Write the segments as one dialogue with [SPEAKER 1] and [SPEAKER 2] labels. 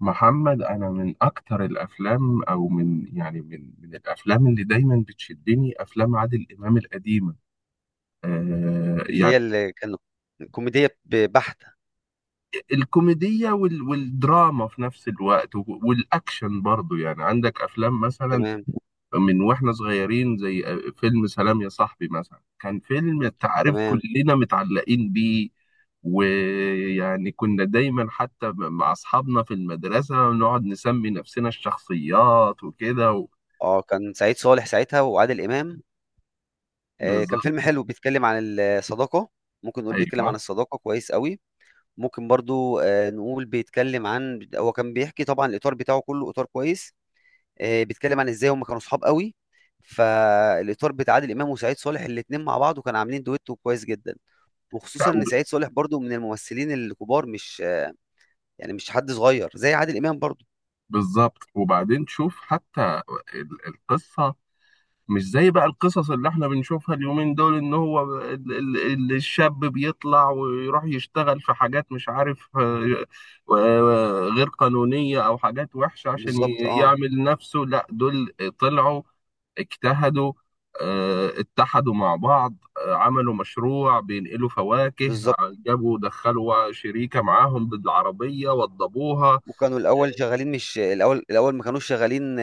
[SPEAKER 1] محمد، انا من اكتر الافلام او من، يعني، من الافلام اللي دايما بتشدني افلام عادل امام القديمه. آه،
[SPEAKER 2] اللي هي
[SPEAKER 1] يعني
[SPEAKER 2] اللي كان كوميدية بحتة.
[SPEAKER 1] الكوميديه والدراما في نفس الوقت والاكشن برضو، يعني عندك افلام مثلا
[SPEAKER 2] تمام،
[SPEAKER 1] من واحنا صغيرين زي فيلم سلام يا صاحبي مثلا. كان فيلم، انت عارف،
[SPEAKER 2] تمام.
[SPEAKER 1] كلنا متعلقين بيه، ويعني كنا دايما حتى مع اصحابنا في المدرسه نقعد نسمي نفسنا الشخصيات وكده.
[SPEAKER 2] اه، كان سعيد صالح ساعتها وعادل إمام. آه، كان فيلم
[SPEAKER 1] بالظبط.
[SPEAKER 2] حلو بيتكلم عن الصداقة. ممكن نقول بيتكلم عن
[SPEAKER 1] ايوه.
[SPEAKER 2] الصداقة كويس قوي. ممكن برضو نقول بيتكلم عن هو كان بيحكي طبعا الإطار بتاعه كله إطار كويس. بيتكلم عن إزاي هم كانوا صحاب قوي. فالإطار بتاع عادل إمام وسعيد صالح الاتنين مع بعض، وكانوا عاملين دويتو كويس جدا.
[SPEAKER 1] لا
[SPEAKER 2] وخصوصا ان
[SPEAKER 1] وب-
[SPEAKER 2] سعيد صالح برضو من الممثلين الكبار، مش يعني مش حد صغير زي عادل امام برضو.
[SPEAKER 1] بالظبط، وبعدين شوف حتى القصه، مش زي بقى القصص اللي احنا بنشوفها اليومين دول، ان هو الشاب بيطلع ويروح يشتغل في حاجات مش عارف، غير قانونيه او حاجات وحشه عشان
[SPEAKER 2] بالظبط، اه،
[SPEAKER 1] يعمل نفسه. لا، دول طلعوا اجتهدوا، اتحدوا مع بعض، عملوا مشروع بينقلوا فواكه،
[SPEAKER 2] بالظبط.
[SPEAKER 1] جابوا دخلوا شريكة معاهم بالعربية وضبوها.
[SPEAKER 2] وكانوا الاول شغالين، مش الاول، الاول ما كانوش شغالين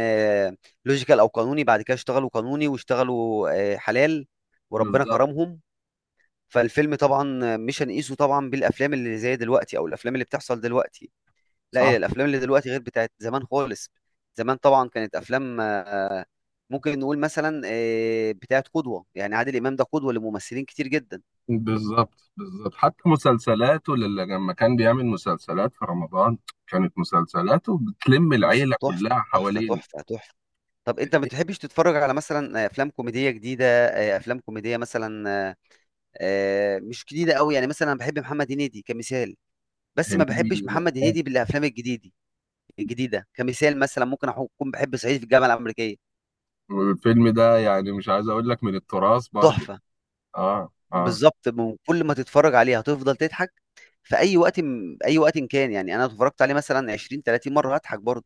[SPEAKER 2] لوجيكال او قانوني، بعد كده اشتغلوا قانوني واشتغلوا حلال، وربنا
[SPEAKER 1] بالظبط.
[SPEAKER 2] كرمهم. فالفيلم طبعا مش هنقيسه طبعا بالافلام اللي زي دلوقتي او الافلام اللي بتحصل دلوقتي. لا،
[SPEAKER 1] صح.
[SPEAKER 2] هي الافلام اللي دلوقتي غير بتاعت زمان خالص. زمان طبعا كانت افلام، ممكن نقول مثلا بتاعت قدوه. يعني عادل امام ده قدوه لممثلين كتير جدا.
[SPEAKER 1] بالظبط بالظبط، حتى مسلسلاته اللي لما كان بيعمل مسلسلات في رمضان كانت مسلسلاته بتلم العيلة
[SPEAKER 2] تحفه،
[SPEAKER 1] كلها
[SPEAKER 2] تحفه،
[SPEAKER 1] حوالين.
[SPEAKER 2] تحفه، تحفه. طب انت ما بتحبش تتفرج على مثلا افلام كوميديه جديده، افلام كوميديه مثلا، مش جديده قوي؟ يعني مثلا انا بحب محمد هنيدي كمثال، بس ما بحبش
[SPEAKER 1] هنيدي
[SPEAKER 2] محمد
[SPEAKER 1] ممتاز.
[SPEAKER 2] هنيدي بالافلام الجديده. الجديده كمثال مثلا ممكن اكون بحب صعيدي في الجامعه الامريكيه.
[SPEAKER 1] والفيلم ده يعني مش عايز اقول لك من التراث برضه.
[SPEAKER 2] تحفه.
[SPEAKER 1] اه، اه.
[SPEAKER 2] بالظبط، من كل ما تتفرج عليه هتفضل تضحك في اي وقت، اي وقت إن كان. يعني انا اتفرجت عليه مثلا 20 30 مره هضحك برضه.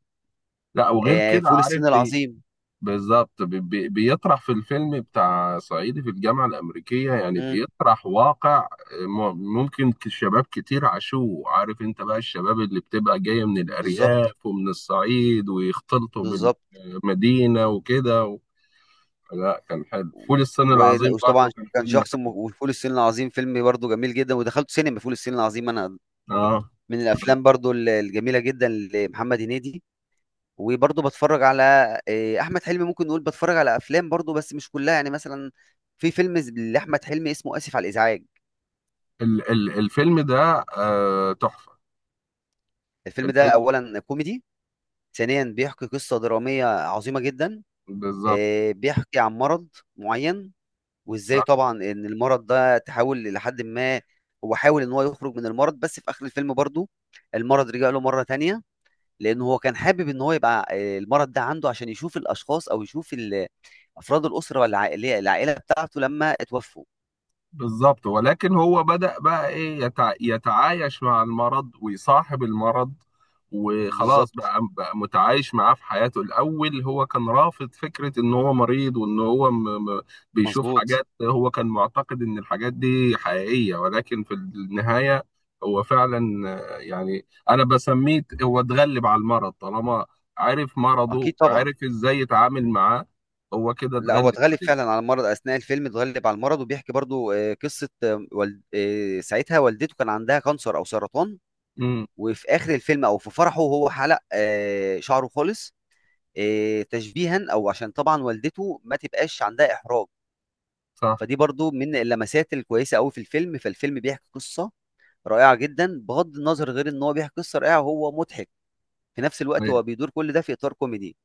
[SPEAKER 1] لا، وغير كده
[SPEAKER 2] فول
[SPEAKER 1] عارف
[SPEAKER 2] الصين
[SPEAKER 1] ايه؟
[SPEAKER 2] العظيم.
[SPEAKER 1] بالظبط، بيطرح في الفيلم بتاع صعيدي في الجامعة الأمريكية، يعني
[SPEAKER 2] مم.
[SPEAKER 1] بيطرح واقع ممكن، شباب كتير عاشوه. عارف انت بقى الشباب اللي بتبقى جاية من
[SPEAKER 2] بالظبط،
[SPEAKER 1] الأرياف ومن الصعيد ويختلطوا
[SPEAKER 2] بالظبط.
[SPEAKER 1] بالمدينة وكده لا، كان حلو فول الصين العظيم
[SPEAKER 2] وطبعا
[SPEAKER 1] برضو، كان
[SPEAKER 2] كان
[SPEAKER 1] فيلم
[SPEAKER 2] شخص، وفول الصين العظيم فيلم برضه جميل جدا، ودخلت سينما فول الصين العظيم انا.
[SPEAKER 1] حلو. اه.
[SPEAKER 2] من الافلام برضه الجميله جدا لمحمد هنيدي. وبرضه بتفرج على احمد حلمي. ممكن نقول بتفرج على افلام برضه، بس مش كلها. يعني مثلا في فيلم لاحمد حلمي اسمه اسف على الازعاج.
[SPEAKER 1] ال ال الفيلم ده تحفة.
[SPEAKER 2] الفيلم ده
[SPEAKER 1] الفيلم.
[SPEAKER 2] اولا كوميدي، ثانيا بيحكي قصه دراميه عظيمه جدا.
[SPEAKER 1] بالظبط.
[SPEAKER 2] بيحكي عن مرض معين، وازاي طبعا ان المرض ده تحاول لحد ما هو حاول ان هو يخرج من المرض. بس في اخر الفيلم برضه المرض رجع له مره تانية. لأنه هو كان حابب إن هو يبقى المرض ده عنده عشان يشوف الأشخاص أو يشوف أفراد الأسرة والعائلة العائلة بتاعته لما اتوفوا.
[SPEAKER 1] بالظبط، ولكن هو بدأ بقى ايه، يتعايش مع المرض ويصاحب المرض، وخلاص
[SPEAKER 2] بالظبط.
[SPEAKER 1] بقى متعايش معاه في حياته. الأول هو كان رافض فكرة إن هو مريض وإن هو بيشوف
[SPEAKER 2] مظبوط.
[SPEAKER 1] حاجات هو كان معتقد إن الحاجات دي حقيقية، ولكن في النهاية هو فعلا، يعني أنا بسميه هو اتغلب على المرض. طالما عرف
[SPEAKER 2] أكيد
[SPEAKER 1] مرضه
[SPEAKER 2] طبعا.
[SPEAKER 1] وعرف إزاي يتعامل معاه، هو كده
[SPEAKER 2] لا، هو
[SPEAKER 1] اتغلب
[SPEAKER 2] اتغلب فعلا
[SPEAKER 1] عليه.
[SPEAKER 2] على المرض أثناء الفيلم، اتغلب على المرض، وبيحكي برضو قصة آه، والد... آه، ساعتها والدته كان عندها كانسر أو سرطان.
[SPEAKER 1] امم.
[SPEAKER 2] وفي آخر الفيلم أو في فرحه هو حلق شعره خالص، تشبيها، أو عشان طبعا والدته ما تبقاش عندها إحراج.
[SPEAKER 1] صح.
[SPEAKER 2] فدي برضو من اللمسات الكويسة قوي في الفيلم. فالفيلم بيحكي قصة رائعه جدا، بغض النظر غير ان هو بيحكي قصه رائعه وهو مضحك في نفس الوقت.
[SPEAKER 1] أيوة.
[SPEAKER 2] هو بيدور كل ده في اطار كوميدي.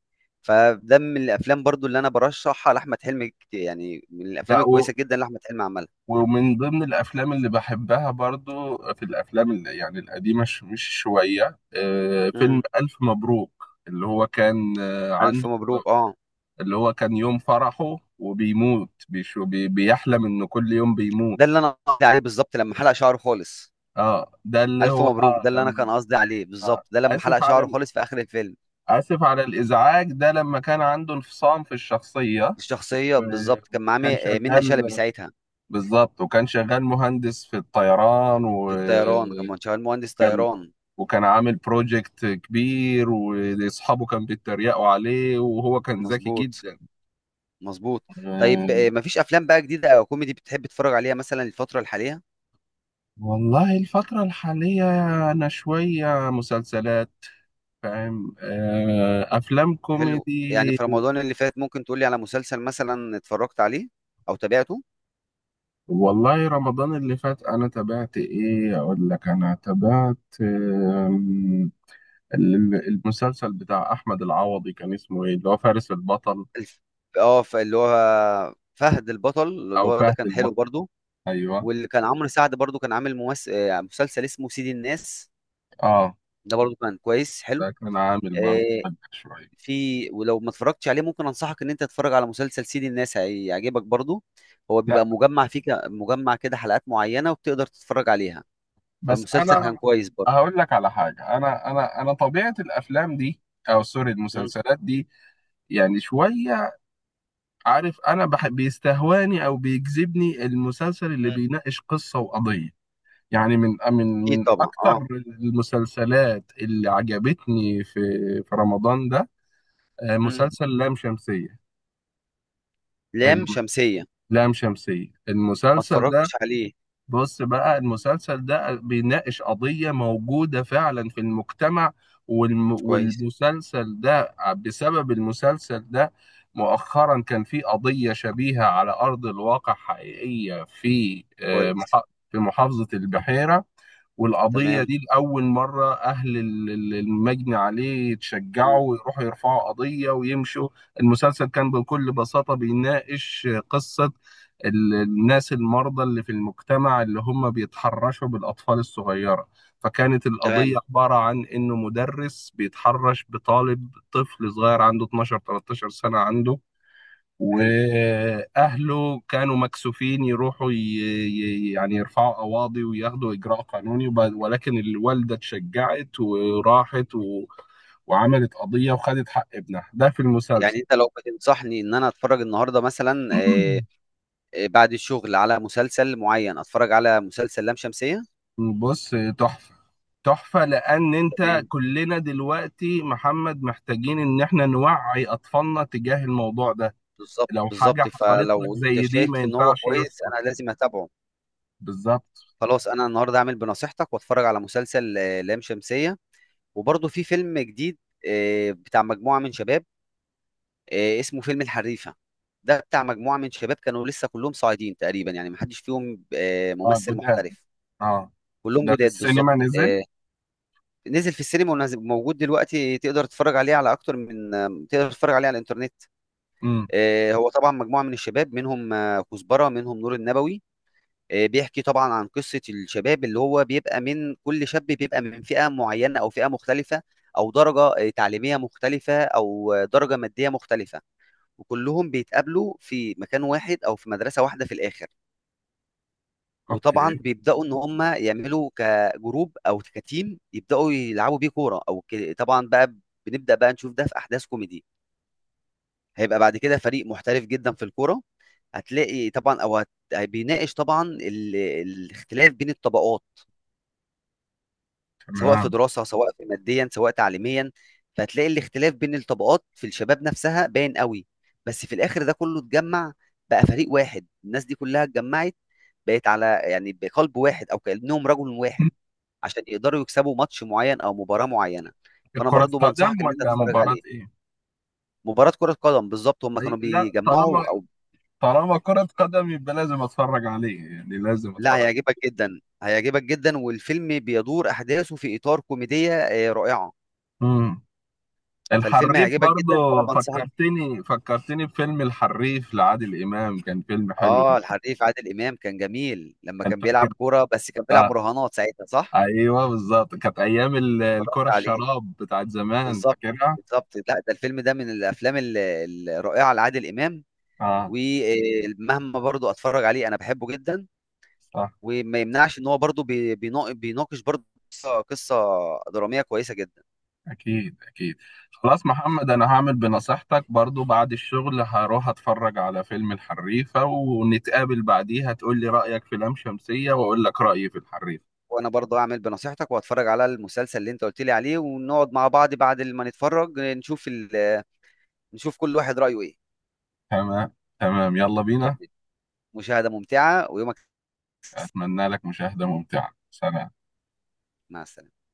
[SPEAKER 2] فده من الافلام برضو اللي انا برشحها لاحمد حلمي كتير. يعني من الافلام
[SPEAKER 1] لا،
[SPEAKER 2] الكويسه جدا اللي احمد حلمي عملها.
[SPEAKER 1] ومن ضمن الافلام اللي بحبها برضو في الافلام اللي يعني القديمه مش شويه، فيلم
[SPEAKER 2] امم.
[SPEAKER 1] الف مبروك، اللي هو كان
[SPEAKER 2] الف
[SPEAKER 1] عنده،
[SPEAKER 2] مبروك، اه.
[SPEAKER 1] اللي هو كان يوم فرحه وبيموت، بيحلم انه كل يوم
[SPEAKER 2] ده اللي
[SPEAKER 1] بيموت.
[SPEAKER 2] انا قصدي عليه بالظبط، لما حلق شعره خالص.
[SPEAKER 1] اه، ده اللي
[SPEAKER 2] الف
[SPEAKER 1] هو
[SPEAKER 2] مبروك ده اللي انا
[SPEAKER 1] لما،
[SPEAKER 2] كان قصدي عليه
[SPEAKER 1] آه
[SPEAKER 2] بالظبط، ده لما حلق
[SPEAKER 1] اسف على
[SPEAKER 2] شعره
[SPEAKER 1] ال-
[SPEAKER 2] خالص في اخر الفيلم.
[SPEAKER 1] اسف على الازعاج، ده لما كان عنده انفصام في الشخصيه.
[SPEAKER 2] الشخصيه
[SPEAKER 1] آه،
[SPEAKER 2] بالظبط، كان معاه
[SPEAKER 1] وكان
[SPEAKER 2] منة شلبي
[SPEAKER 1] شغال.
[SPEAKER 2] ساعتها.
[SPEAKER 1] بالظبط، وكان شغال مهندس في الطيران و
[SPEAKER 2] في الطيران كان شغال مهندس طيران.
[SPEAKER 1] وكان عامل بروجكت كبير، واصحابه كان بيتريقوا عليه وهو كان ذكي
[SPEAKER 2] مظبوط،
[SPEAKER 1] جدا.
[SPEAKER 2] مظبوط. طيب،
[SPEAKER 1] آه،
[SPEAKER 2] مفيش افلام بقى جديده او كوميدي بتحب تتفرج عليها مثلا الفتره الحاليه؟
[SPEAKER 1] والله الفترة الحالية انا شوية مسلسلات فاهم، افلام
[SPEAKER 2] حلو. يعني
[SPEAKER 1] كوميدي.
[SPEAKER 2] في رمضان اللي فات ممكن تقولي على مسلسل مثلا اتفرجت عليه او تابعته.
[SPEAKER 1] والله رمضان اللي فات انا تابعت ايه اقول لك، انا تابعت المسلسل بتاع احمد العوضي كان اسمه ايه؟ اللي هو فارس البطل،
[SPEAKER 2] الف... اه، اللي هو فهد البطل، اللي
[SPEAKER 1] او
[SPEAKER 2] هو ده
[SPEAKER 1] فهد
[SPEAKER 2] كان حلو
[SPEAKER 1] البطل.
[SPEAKER 2] برضو.
[SPEAKER 1] ايوه.
[SPEAKER 2] واللي كان عمرو سعد برضو كان عامل ممس... آه، مسلسل اسمه سيد الناس.
[SPEAKER 1] اه،
[SPEAKER 2] ده برضو كان كويس حلو.
[SPEAKER 1] ده كان عامل برضه
[SPEAKER 2] آه،
[SPEAKER 1] ضجة شوية.
[SPEAKER 2] في، ولو ما اتفرجتش عليه ممكن انصحك ان انت تتفرج على مسلسل سيد الناس، هيعجبك برضو. هو
[SPEAKER 1] لا،
[SPEAKER 2] بيبقى مجمع فيه، مجمع كده حلقات معينة، وبتقدر تتفرج عليها.
[SPEAKER 1] بس
[SPEAKER 2] فالمسلسل كان
[SPEAKER 1] انا
[SPEAKER 2] كويس برضه.
[SPEAKER 1] هقول لك على حاجه. انا طبيعه الافلام دي، او سوري،
[SPEAKER 2] مم.
[SPEAKER 1] المسلسلات دي، يعني شويه. عارف، انا بيستهواني او بيجذبني المسلسل اللي
[SPEAKER 2] مم.
[SPEAKER 1] بيناقش قصه وقضيه. يعني من من
[SPEAKER 2] اكيد
[SPEAKER 1] من
[SPEAKER 2] طبعا، اه.
[SPEAKER 1] اكتر المسلسلات اللي عجبتني في رمضان ده،
[SPEAKER 2] مم.
[SPEAKER 1] مسلسل لام شمسيه.
[SPEAKER 2] لام
[SPEAKER 1] الم-
[SPEAKER 2] شمسية.
[SPEAKER 1] لام شمسيه،
[SPEAKER 2] ما
[SPEAKER 1] المسلسل ده،
[SPEAKER 2] اتفرجتش عليه.
[SPEAKER 1] بص بقى، المسلسل ده بيناقش قضية موجودة فعلا في المجتمع.
[SPEAKER 2] كويس.
[SPEAKER 1] والمسلسل ده، بسبب المسلسل ده، مؤخرا كان في قضية شبيهة على أرض الواقع، حقيقية، في
[SPEAKER 2] كويس.
[SPEAKER 1] في محافظة البحيرة. والقضية
[SPEAKER 2] تمام.
[SPEAKER 1] دي لأول مرة أهل المجني عليه
[SPEAKER 2] مم.
[SPEAKER 1] يتشجعوا ويروحوا يرفعوا قضية ويمشوا. المسلسل كان بكل بساطة بيناقش قصة الناس المرضى اللي في المجتمع، اللي هم بيتحرشوا بالأطفال الصغيرة. فكانت القضية
[SPEAKER 2] تمام.
[SPEAKER 1] عبارة عن إنه مدرس بيتحرش بطالب، طفل صغير عنده 12 13 سنة، عنده
[SPEAKER 2] حلو.
[SPEAKER 1] واهله كانوا مكسوفين يروحوا يعني يرفعوا قواضي وياخدوا اجراء قانوني ولكن الوالده اتشجعت وراحت وعملت قضيه وخدت حق ابنها ده في المسلسل.
[SPEAKER 2] يعني انت لو بتنصحني ان انا اتفرج النهارده مثلا بعد الشغل على مسلسل معين، اتفرج على مسلسل لام شمسية.
[SPEAKER 1] بص، تحفه. تحفه، لان انت
[SPEAKER 2] تمام.
[SPEAKER 1] كلنا دلوقتي محمد محتاجين ان احنا نوعي اطفالنا تجاه الموضوع ده.
[SPEAKER 2] بالظبط،
[SPEAKER 1] لو حاجه
[SPEAKER 2] بالظبط.
[SPEAKER 1] حصلت لك
[SPEAKER 2] فلو انت
[SPEAKER 1] زي دي ما
[SPEAKER 2] شايف ان هو
[SPEAKER 1] ينفعش
[SPEAKER 2] كويس
[SPEAKER 1] يسكت.
[SPEAKER 2] انا لازم اتابعه.
[SPEAKER 1] بالظبط.
[SPEAKER 2] خلاص، انا النهارده هعمل بنصيحتك واتفرج على مسلسل لام شمسية. وبرضه في فيلم جديد بتاع مجموعة من شباب اسمه فيلم الحريفه. ده بتاع مجموعه من شباب كانوا لسه كلهم صاعدين تقريبا، يعني ما حدش فيهم
[SPEAKER 1] اه،
[SPEAKER 2] ممثل
[SPEAKER 1] جداد.
[SPEAKER 2] محترف.
[SPEAKER 1] اه.
[SPEAKER 2] كلهم
[SPEAKER 1] ده في
[SPEAKER 2] جداد
[SPEAKER 1] السينما
[SPEAKER 2] بالظبط.
[SPEAKER 1] نزل.
[SPEAKER 2] آه، نزل في السينما، موجود دلوقتي، تقدر تتفرج عليه على اكتر من تقدر تتفرج عليه على الانترنت.
[SPEAKER 1] امم.
[SPEAKER 2] هو طبعا مجموعه من الشباب، منهم كزبره، منهم نور النبوي. بيحكي طبعا عن قصه الشباب، اللي هو بيبقى من كل شاب بيبقى من فئه معينه او فئه مختلفه، او درجه تعليميه مختلفه، او درجه ماديه مختلفه. وكلهم بيتقابلوا في مكان واحد، او في مدرسه واحده في الاخر.
[SPEAKER 1] اوكي.
[SPEAKER 2] وطبعا بيبداوا ان هم يعملوا كجروب او كتيم، يبداوا يلعبوا بيه كوره. او طبعا بقى بنبدا بقى نشوف ده في احداث كوميدي. هيبقى بعد كده فريق محترف جدا في الكوره. هتلاقي طبعا، او بيناقش طبعا الاختلاف بين الطبقات، سواء في
[SPEAKER 1] تمام.
[SPEAKER 2] دراسة، سواء في ماديا، سواء تعليميا. فهتلاقي الاختلاف بين الطبقات في الشباب نفسها باين قوي. بس في الآخر ده كله اتجمع، بقى فريق واحد. الناس دي كلها اتجمعت، بقت على يعني بقلب واحد، أو كأنهم رجل واحد،
[SPEAKER 1] مم.
[SPEAKER 2] عشان يقدروا يكسبوا ماتش معين أو مباراة معينة. فأنا
[SPEAKER 1] كرة
[SPEAKER 2] برضو بنصحك
[SPEAKER 1] قدم
[SPEAKER 2] إن أنت
[SPEAKER 1] ولا
[SPEAKER 2] تتفرج
[SPEAKER 1] مباراة
[SPEAKER 2] عليه.
[SPEAKER 1] ايه؟
[SPEAKER 2] مباراة كرة قدم بالظبط، هم
[SPEAKER 1] أي
[SPEAKER 2] كانوا
[SPEAKER 1] لا، طالما،
[SPEAKER 2] بيجمعوا أو.
[SPEAKER 1] طالما كرة قدم يبقى لازم اتفرج عليه، يعني لازم
[SPEAKER 2] لا،
[SPEAKER 1] اتفرج.
[SPEAKER 2] هيعجبك جدا، هيعجبك جدا. والفيلم بيدور أحداثه في إطار كوميدية رائعة.
[SPEAKER 1] امم.
[SPEAKER 2] فالفيلم
[SPEAKER 1] الحريف
[SPEAKER 2] هيعجبك جدا، فأنا
[SPEAKER 1] برضو
[SPEAKER 2] بنصحك.
[SPEAKER 1] فكرتني بفيلم الحريف لعادل امام، كان فيلم حلو.
[SPEAKER 2] اه، الحريف عادل امام كان جميل لما
[SPEAKER 1] كان
[SPEAKER 2] كان
[SPEAKER 1] فاكر.
[SPEAKER 2] بيلعب كوره، بس كان بيلعب
[SPEAKER 1] اه.
[SPEAKER 2] مراهنات ساعتها، صح؟
[SPEAKER 1] ايوه بالظبط، كانت ايام
[SPEAKER 2] اتفرجت
[SPEAKER 1] الكرة
[SPEAKER 2] عليه.
[SPEAKER 1] الشراب بتاعت زمان،
[SPEAKER 2] بالظبط،
[SPEAKER 1] فاكرها؟
[SPEAKER 2] بالظبط. لا، ده الفيلم ده من الافلام الرائعه لعادل امام.
[SPEAKER 1] اه.
[SPEAKER 2] ومهما برضو اتفرج عليه انا بحبه جدا.
[SPEAKER 1] صح.
[SPEAKER 2] وما يمنعش ان هو برضو بيناقش برضو قصة دراميه كويسه جدا.
[SPEAKER 1] أكيد أكيد. خلاص محمد، أنا هعمل بنصيحتك، برضو بعد الشغل هروح أتفرج على فيلم الحريفة ونتقابل بعديها تقول لي رأيك في لام شمسية وأقول لك رأيي في الحريفة.
[SPEAKER 2] وانا برضو اعمل بنصيحتك واتفرج على المسلسل اللي انت قلت لي عليه، ونقعد مع بعض بعد ما نتفرج نشوف كل واحد رايه ايه.
[SPEAKER 1] تمام. تمام، يلا بينا.
[SPEAKER 2] تمام. مشاهده ممتعه ويومك.
[SPEAKER 1] أتمنى لك مشاهدة ممتعة، سلام.
[SPEAKER 2] مع السلامه.